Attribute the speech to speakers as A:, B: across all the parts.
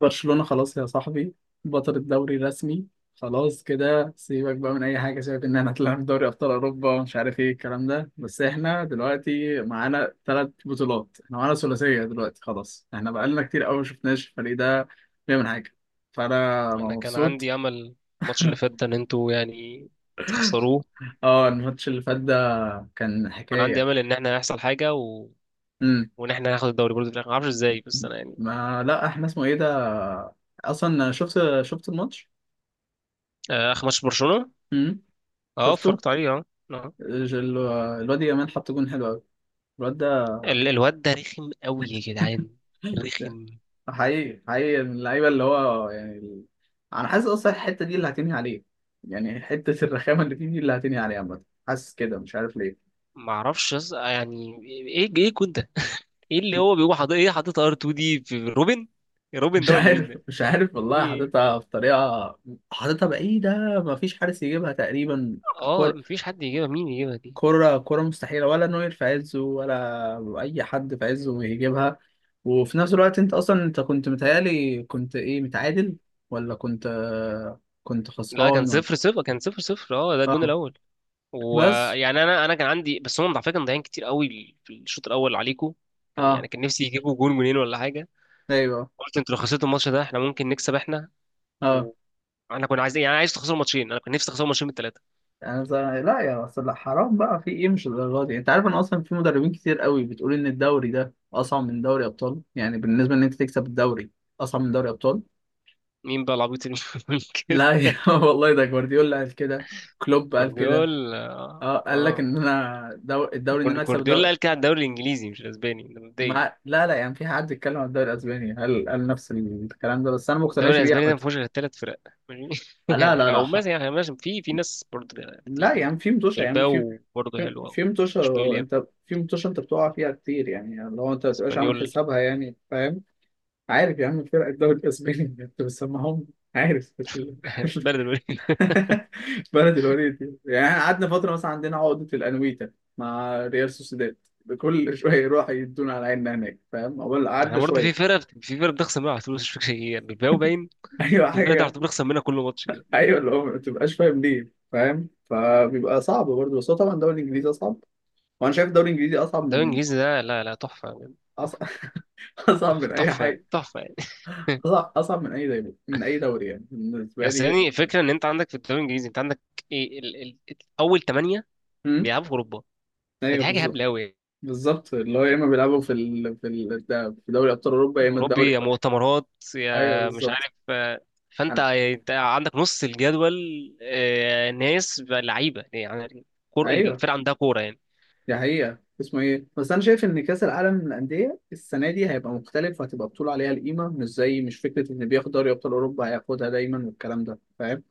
A: برشلونة خلاص يا صاحبي، بطل الدوري رسمي. خلاص كده، سيبك بقى من اي حاجه، سيبك ان احنا طلعنا في دوري ابطال اوروبا ومش عارف ايه الكلام ده. بس احنا دلوقتي معانا ثلاث بطولات، احنا معانا ثلاثيه دلوقتي، خلاص. احنا بقالنا كتير قوي ما شفناش الفريق ده بيعمل حاجه، فانا
B: انا كان
A: مبسوط.
B: عندي امل الماتش اللي فات ده ان انتوا تخسروه.
A: اه الماتش اللي فات ده كان
B: كان عندي
A: حكايه.
B: امل ان احنا هيحصل حاجه
A: امم
B: وان احنا هناخد الدوري برضه في الاخر، ما اعرفش ازاي، بس انا
A: ما لا احنا اسمه ايه ده، اصلا شفت الماتش.
B: اخر ماتش برشلونه
A: امم
B: اه
A: شفته.
B: اتفرجت عليه اه آه.
A: ج- ال- الواد يامال حط جون حلو قوي، الواد ده.
B: الواد ده رخم قوي يا جدعان، رخم.
A: حقيقي حقيقي، من اللعيبه اللي هو يعني ال... انا حاسس اصلا الحته دي اللي هتنهي عليه، يعني حته الرخامه اللي فيه دي اللي هتنهي عليه عامه، حاسس كده مش عارف ليه.
B: ما اعرفش ايه كنت ده؟ ايه اللي هو بيقوم حاطط ايه، حاطط ار 2 دي في روبن؟ روبن
A: مش
B: ده ولا مين
A: عارف
B: ده؟
A: مش عارف
B: في
A: والله،
B: ايه؟
A: حاططها بطريقه، حاططها بعيده، ما فيش حارس يجيبها تقريبا.
B: اه
A: كرة،
B: مفيش حد يجيبها، مين يجيبها دي؟
A: كرة مستحيلة، ولا نوير في عزه ولا أي حد في عزه يجيبها. وفي نفس الوقت، أنت أصلا كنت متهيألي كنت إيه، متعادل ولا كنت، كنت
B: لا كان
A: خسران ولا؟
B: صفر صفر، اه ده الجون
A: آه.
B: الاول.
A: بس.
B: ويعني انا كان عندي، بس هم على فكره كانوا مضيعين كتير قوي في الشوط الاول عليكم.
A: آه.
B: كان نفسي يجيبوا جون، جونين، ولا حاجه.
A: ايوه.
B: قلت انتوا لو خسرتوا الماتش ده احنا ممكن نكسب احنا.
A: اه.
B: وانا كنا عايزين عايز تخسروا ماتشين، انا كنت نفسي اخسر ماتشين من الثلاثه.
A: يعني لا يا بس لا، حرام بقى، في ايه، مش الدرجه دي. انت عارف ان اصلا في مدربين كتير قوي بتقول ان الدوري ده اصعب من دوري ابطال، يعني بالنسبه ان انت تكسب الدوري اصعب من دوري ابطال.
B: مين بقى العبيط اللي بيقول كده؟
A: لا يا والله ده جوارديولا قال كده، كلوب قال كده.
B: جوارديولا اه
A: اه قال لك
B: آه.
A: ان انا دو... الدوري، ان انا اكسب
B: جوارديولا
A: الدوري.
B: قال كده على الدوري الانجليزي مش الاسباني ده مبدئيا.
A: مع... لا لا، يعني في حد اتكلم عن الدوري الاسباني، قال نفس الكلام ده، بس انا ما
B: الدوري
A: مقتنعش بيه
B: الاسباني ده
A: عامه.
B: ما فيهوش غير ثلاث فرق، ماشي؟
A: لا لا
B: او
A: لا.
B: مثلا يعني ماشي، في في ناس برضه
A: لا
B: تقيله يعني،
A: يعني في متوشة، يعني في،
B: بلباو برضه
A: في
B: حلوه،
A: في متوشة،
B: اشبيليا،
A: انت في متوشة انت بتقع فيها كتير، يعني لو انت ما تبقاش عامل
B: اسبانيول،
A: حسابها، يعني فاهم. عارف يا عم فرق الدوري الاسباني؟ انت بتسمعهم؟ عارف
B: بلد.
A: بلد الوليد دي. يعني احنا قعدنا فترة مثلا عندنا عقدة الانويتا مع ريال سوسيداد. كل شوية يروح يدونا على عيننا هناك، فاهم، اول
B: احنا
A: قعدنا
B: برضه في
A: شوية.
B: فرق، في فرق بتخسر منها على طول، بس مش فاكر هي إيه، يعني بلباو باين.
A: ايوه
B: في فرق ده على
A: حاجة.
B: طول بنخسر منها كل ماتش كده.
A: ايوه، اللي هو ما تبقاش فاهم ليه، فاهم، فبيبقى صعب برضه. بس هو طبعا الدوري الانجليزي اصعب، وانا شايف الدوري الانجليزي اصعب
B: الدوري
A: من
B: الانجليزي ده، لا لا، تحفه يعني،
A: أص...
B: تحفه،
A: اصعب من
B: تحفه،
A: اي
B: تحفه
A: حاجه.
B: تحفه يعني.
A: اصعب من اي دوري، من اي دوري، يعني بالنسبه
B: يعني أصل
A: لي.
B: يعني الفكره ان انت عندك في الدوري الانجليزي، انت عندك ايه اول ثمانيه
A: امم
B: بيلعبوا في اوروبا، فدي
A: ايوه
B: حاجه
A: بالظبط.
B: هبله قوي.
A: بالظبط، اللي هو يا
B: يعني
A: اما بيلعبوا في في دوري ابطال اوروبا، يا
B: يا
A: اما
B: اوروبي
A: الدوري
B: يا
A: بقى.
B: مؤتمرات،
A: ايوه
B: يا مش
A: بالظبط.
B: عارف آه، فانت
A: أنا...
B: انت عندك نص الجدول، آه، ناس لعيبه يعني،
A: ايوه
B: الفرقه عندها كوره يعني.
A: دي حقيقه اسمه ايه. بس انا شايف ان كاس العالم للانديه السنه دي هيبقى مختلف، وهتبقى بطوله عليها القيمه، مش زي مش فكره ان بياخد دوري ابطال اوروبا هياخدها دايما والكلام ده، فاهم.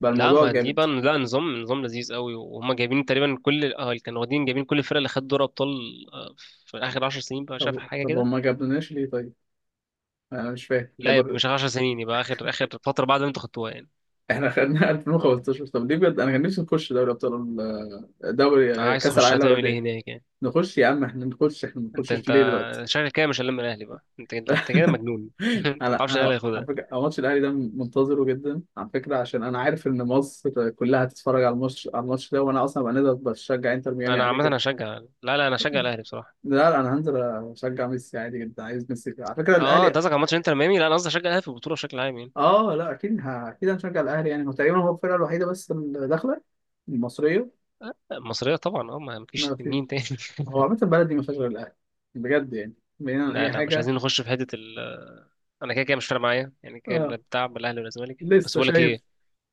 A: بقى
B: لا
A: الموضوع
B: ما دي
A: جامد.
B: بقى، لا، نظام، نظام لذيذ قوي، وهم جايبين تقريبا كل اه اللي كانوا واخدين، جايبين كل الفرق اللي خدت دوري ابطال آه، في اخر 10 سنين بقى، شاف
A: طب
B: حاجه
A: طب
B: كده.
A: هما ما جابناش ليه طيب؟ انا مش فاهم،
B: لا يبقى
A: جابوا
B: مش 10 سنين، يبقى اخر فتره بعد ما انتوا خدتوها يعني.
A: احنا خدنا 2015. طب ليه بجد، انا كان نفسي نخش دوري ابطال، دوري آه،
B: عايز
A: كاس
B: تخشها
A: العالم
B: تعمل
A: للانديه.
B: ايه هناك يعني؟
A: نخش يا عم احنا، نخش، احنا ما
B: انت
A: نخشش
B: انت
A: ليه دلوقتي؟
B: شكلك كده مش هلم الاهلي بقى. انت كده مجنون. انت ما
A: انا
B: تعرفش الاهلي
A: انا على
B: هياخدها.
A: فكره، أنا ماتش الاهلي ده منتظره جدا على فكره، عشان انا عارف ان مصر كلها هتتفرج على الماتش، على الماتش ده، وانا اصلا بقى نقدر بشجع انتر ميامي
B: انا
A: عادي
B: عامه
A: كده.
B: هشجع، لا لا انا هشجع الاهلي بصراحه.
A: لا لا، انا هنزل اشجع ميسي عادي جدا، عايز ميسي، على فكره
B: اه انت
A: الاهلي.
B: قصدك على ماتش انتر ميامي، لا انا قصدي هشجع الاهلي في البطوله بشكل عام يعني.
A: اه لا اكيد اكيد هنشجع الاهلي، يعني هو تقريبا هو الفرقه الوحيده بس اللي داخله المصريه.
B: المصريه طبعا اه، ما فيش
A: ما فيش.
B: مين تاني.
A: هو عامة البلد دي ما فيهاش غير الأهلي، بجد يعني، بعيدا عن
B: لا
A: أي
B: لا مش
A: حاجة.
B: عايزين نخش في حتة ال. أنا كده كده مش فارق معايا يعني، كده
A: اه
B: لا بتاع بالأهلي ولا الزمالك، بس
A: لسه
B: بقول لك
A: شايف.
B: إيه؟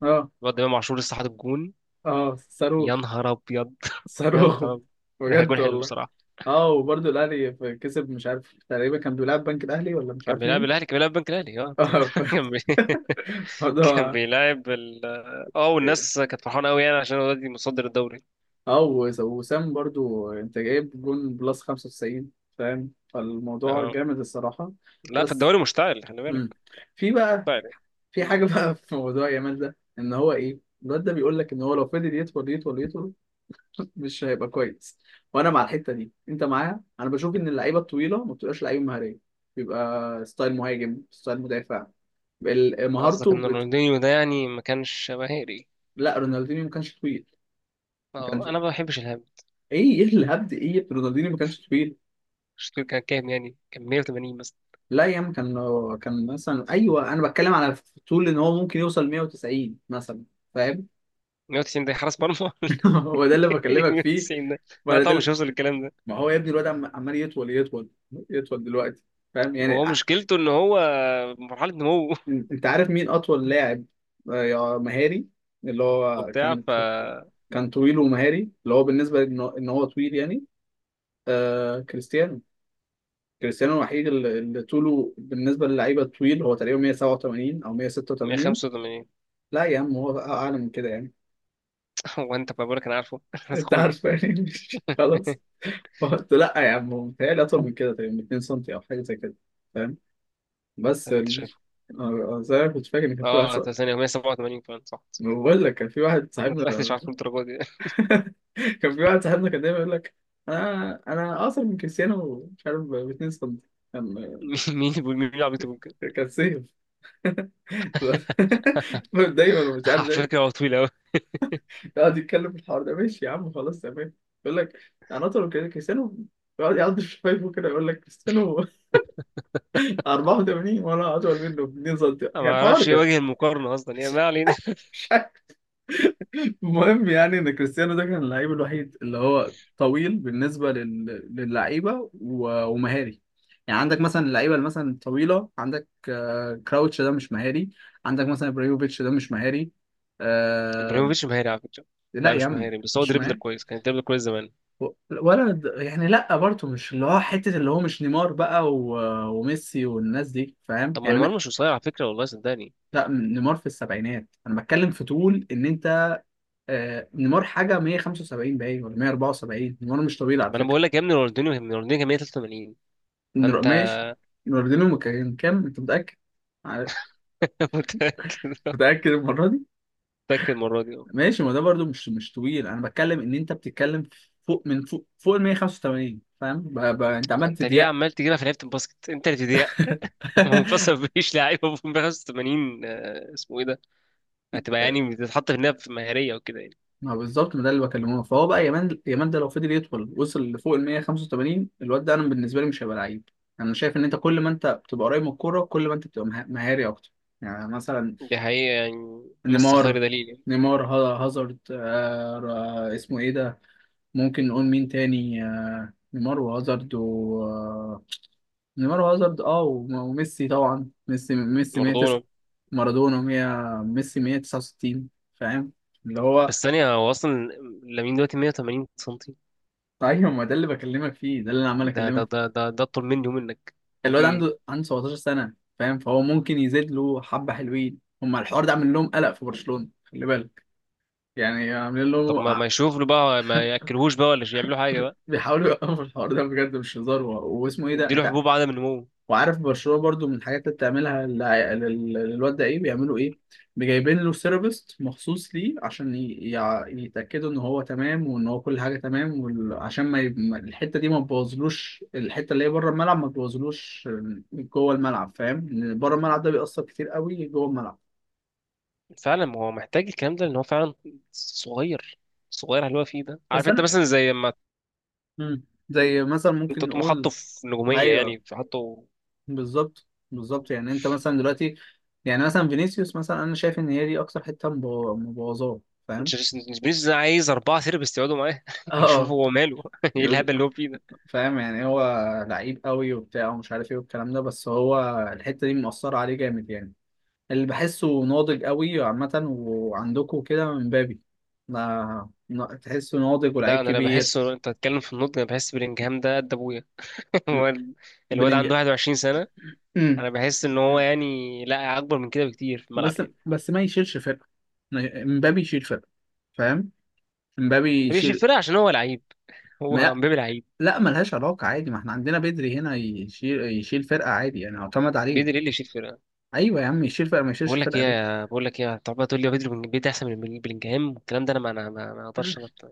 A: اه.
B: الواد إمام عاشور لسه حاطط جون،
A: اه
B: يا
A: صاروخ.
B: نهار أبيض، يا
A: صاروخ
B: نهار أبيض. ده
A: بجد
B: جون حلو
A: والله.
B: بصراحة.
A: اه وبرضه الأهلي كسب، مش عارف تقريبا كان بيلعب بنك الأهلي ولا مش
B: كان
A: عارف
B: بيلعب
A: مين.
B: الأهلي، كان بيلعب بنك الأهلي اه.
A: اه.
B: كان بي... كان
A: الموضوع.
B: بيلعب ال، اه، والناس كانت فرحانة أوي يعني عشان الواد مصدر الدوري.
A: اه وسام برضه أنت جايب جون بلس 95، فاهم، فالموضوع
B: اه
A: جامد الصراحة.
B: لا، في
A: بس
B: الدوري مشتعل، خلي بالك،
A: مم. في بقى،
B: مشتعل يعني.
A: في
B: مم.
A: حاجة بقى في موضوع يامال ده، إن هو إيه، الواد ده بيقول لك ان هو لو فضل يطول يطول يطول مش هيبقى كويس. وانا مع الحته دي، انت معايا، انا بشوف ان اللعيبه الطويله ما بتبقاش لعيبه مهاريه، بيبقى ستايل مهاجم، ستايل مدافع،
B: قصدك
A: مهارته
B: إن رونالدينيو ده يعني ما كانش مهاري؟
A: لا رونالدينيو ما كانش طويل. ما كانش.
B: اه أنا ما بحبش الهام.
A: ايه ايه الهبد، ايه رونالدينيو ما كانش طويل؟
B: شفت كان كام؟ يعني كان 180 مثلا؟
A: لا يا عم كان، كان مثلا، ايوه انا بتكلم على طول ان هو ممكن يوصل 190 مثلا، فاهم.
B: 190 ده حارس مرمى.
A: هو ده اللي بكلمك فيه.
B: ميكسين ده. لا
A: ما
B: طبعا
A: ده،
B: مش هيوصل للكلام ده.
A: ما هو يا ابني الواد عمال يطول يطول يطول دلوقتي، فاهم يعني.
B: هو مشكلته ان هو في مرحله نمو
A: انت عارف مين اطول لاعب آه، يا مهاري، اللي هو
B: وبتاع
A: كان،
B: ف
A: كان طويل ومهاري، اللي هو بالنسبه ان هو، إن هو طويل يعني؟ آه كريستيانو. كريستيانو الوحيد اللي طوله بالنسبه للعيبه الطويل، هو تقريبا 187 او 186.
B: 185.
A: لا يا عم هو بقى اعلى من كده يعني.
B: هو انت بقول لك انا عارفه، بس
A: انت
B: اخويا.
A: عارف يعني خلاص،
B: ده
A: قلت لا يا عم هو متهيألي اطول من كده تقريبا 2 سم او حاجه زي كده، فاهم. بس
B: اللي انت
A: ال...
B: شايفه؟
A: آه، آه، زي ما كنت فاكر ان كان في واحد
B: اه
A: صاحبي،
B: طب ثانيه، 187 فعلا صح،
A: بقول لك كان في واحد
B: ما
A: صاحبنا،
B: طلعتش عارف الدرجه دي.
A: كان في واحد صاحبنا، كان دايما يقول لك انا اقصر من كريستيانو مش عارف ب 2 سم. كان،
B: مين العبيط يقول كده؟
A: كان سيف. دايما ومش عارف
B: على
A: ده،
B: فكره هو طويل قوي.
A: يقعد يتكلم في الحوار ده. ماشي يا عم خلاص تمام. يقول لك انا اطول من كريستيانو. يقعد في شفايفه كده يقول لك كريستيانو 84 وانا اطول منه ب 2 سم.
B: انا ما
A: كان حوار
B: اعرفش
A: كده.
B: وجه المقارنه اصلا يعني،
A: مش،
B: ما علينا.
A: المهم يعني ان كريستيانو ده كان اللعيب الوحيد اللي هو طويل بالنسبه للعيبه ومهاري. يعني عندك مثلا اللعيبه اللي مثلا طويله، عندك آه، كراوتش ده مش مهاري، عندك مثلا ابراهيموفيتش ده مش مهاري، آه...
B: ابراهيموفيتش مهاري على فكره.
A: لا
B: لا
A: يا
B: مش
A: عم
B: مهاري، بس هو
A: مش
B: دريبلر
A: مهاري.
B: كويس، كان دريبلر كويس زمان.
A: و- ولا يعني لا برضه، مش اللي هو حته اللي هو، مش نيمار بقى وميسي والناس دي، فاهم
B: طب ما
A: يعني
B: نيمار مش قصير على فكره، والله صدقني.
A: لا نيمار في السبعينات، انا بتكلم في طول ان انت آه، نيمار حاجه 175 باين ولا 174، نيمار مش طبيعي
B: طب
A: على
B: ما انا
A: فكره.
B: بقول لك يا ابني، رونالدينيو، رونالدينيو كان 183 فانت.
A: ماشي. رونالدينو كان كام، انت متاكد؟ عارف-
B: متأكد،
A: متاكد المره دي؟
B: متأكد المرة دي اه.
A: ماشي، ما ده برضو مش، مش طويل، انا بتكلم ان انت بتتكلم فوق من فوق، فوق ال 185، فاهم انت عمال
B: انت ليه
A: تضيق.
B: عمال تجيبها في لعيبة الباسكت، انت اللي بتضيع. منفصل، مفيش لعيبة في 85، آه، اسمه ايه ده، هتبقى يعني بتتحط في النهاية في مهارية وكده يعني.
A: ما بالظبط، ما ده اللي بكلمه، فهو بقى يمان ده لو فضل يدخل وصل لفوق ال 185، الواد ده انا بالنسبه لي مش هيبقى لعيب. انا شايف ان انت كل ما انت بتبقى قريب من الكوره كل ما انت بتبقى مهاري اكتر. يعني مثلا
B: دي حقيقة، يعني ميسي
A: نيمار،
B: خير دليل يعني،
A: هازارد، آه اسمه ايه ده، ممكن نقول مين تاني، آه نيمار وهازارد و آه، نيمار وهازارد اه وميسي طبعا، ميسي 109،
B: مارادونا.
A: مارادونا 100، ميسي 169، فاهم اللي هو.
B: بس ثانية، هو أصلا لامين دلوقتي 180 سنتي،
A: ايوه ما ده اللي بكلمك فيه، ده اللي انا عمال
B: ده ده
A: اكلمك.
B: ده ده ده أطول مني ومنك، وفي
A: الواد عنده
B: ايه؟
A: عنده 17 سنة، فاهم، فهو ممكن يزيد له حبة. حلوين هما، الحوار ده عامل لهم قلق في برشلونة، خلي بالك، يعني عاملين
B: طب
A: له،
B: ما يشوف له بقى، ما ياكلهوش بقى، ولا يعملوا حاجة بقى،
A: بيحاولوا يوقفوا الحوار ده بجد مش هزار. واسمه ايه ده،
B: يديله
A: انت
B: حبوب عدم النمو.
A: وعارف برشلونة برضو من الحاجات اللي بتعملها للواد ده ايه، بيعملوا ايه، جايبين له سيرابيست مخصوص ليه عشان يتأكدوا ان هو تمام، وان هو كل حاجة تمام، عشان ما الحتة دي ما تبوظلوش، الحتة اللي هي بره الملعب ما تبوظلوش جوه الملعب، فاهم، إن بره الملعب ده بيأثر كتير قوي جوه الملعب.
B: فعلا ما هو محتاج الكلام ده، لان هو فعلا صغير، صغير على اللي هو فيه ده.
A: بس
B: عارف انت
A: انا
B: مثلا زي ما
A: مم. زي مثلا،
B: انت
A: ممكن
B: تقوم
A: نقول،
B: حاطه في نجوميه، يعني
A: ايوه
B: في حاطه.
A: بالظبط. بالظبط يعني انت مثلا دلوقتي، يعني مثلا فينيسيوس مثلا، انا شايف ان هي دي اكتر حته مبوظاه، فاهم.
B: بنيز عايز اربعه سيرفس يقعدوا معاه يشوفوا
A: اه
B: هو ماله، ايه الهبل
A: يقول،
B: اللي هو فيه ده؟
A: فاهم يعني هو لعيب قوي وبتاع ومش عارف ايه والكلام ده، بس هو الحته دي مأثره عليه جامد يعني، اللي بحسه ناضج قوي عامه، وعندكم كده من بابي، ما تحسه ناضج
B: ده
A: ولعيب
B: انا لا
A: كبير.
B: بحسه، انت تتكلم في النضج، انا بحس بلينجهام ده قد ابويا.
A: ل-
B: هو ال- الواد
A: بلينج
B: عنده 21 سنه،
A: مم.
B: انا بحس ان هو يعني لا اكبر من كده بكتير في الملعب
A: بس
B: يعني.
A: بس ما يشيلش فرقه، امبابي يشيل فرقه، فاهم، امبابي
B: مبيبقاش يشيل
A: يشيل.
B: فرقه عشان هو لعيب، هو
A: ما
B: مبابي لعيب؟
A: لا، ملهاش علاقة عادي، ما احنا عندنا بدري هنا يشيل، يشيل فرقة عادي يعني، اعتمد
B: بيدري ايه
A: عليك.
B: اللي يشيل فرقه؟
A: ايوه يا عم يشيل فرقة، ما يشيلش فرقة ليه؟
B: بقول لك ايه، طب تقول لي هو بيدري، بيدري احسن من بلينجهام والكلام ده، انا ما اقدرش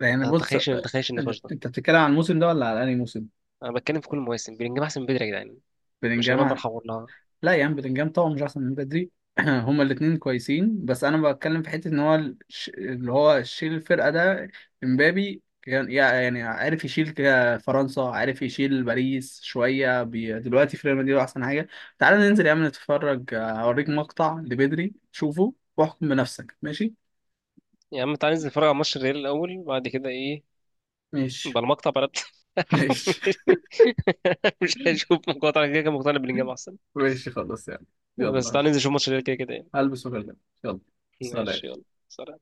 A: يعني
B: ما
A: بص،
B: اتخيلش ما اتخيلش النقاش ده.
A: انت بتتكلم عن الموسم ده ولا على انهي موسم؟
B: انا بتكلم في كل المواسم، بلينجهام احسن من بدري يا جدعان، مش هنبقى
A: بلينجهام،
B: بنحور لها.
A: لا يا عم بلينجهام طبعا مش احسن من بدري. هما الاثنين كويسين، بس انا بتكلم في حته ان هو اللي هو شيل الفرقه ده، امبابي كان يعني عارف يشيل فرنسا، عارف يشيل باريس شويه دلوقتي في ريال مدريد هو احسن حاجه. تعالى ننزل يا عم نتفرج، هوريك مقطع لبدري شوفه واحكم بنفسك، ماشي؟
B: يا عم تعالى ننزل نتفرج على ماتش الريال الاول وبعد كده ايه؟
A: ماشي.
B: بالمقطع بلد.
A: ماشي.
B: مش هشوف مقاطع، أنا كده كده مقتنع بلينجهام احسن.
A: ماشي خلاص يعني.
B: بس
A: يلا،
B: تعالى ننزل نشوف ماتش الريال كده كده يعني.
A: هلبس وكلمك. يلا، سلام.
B: ماشي، يلا، سلام.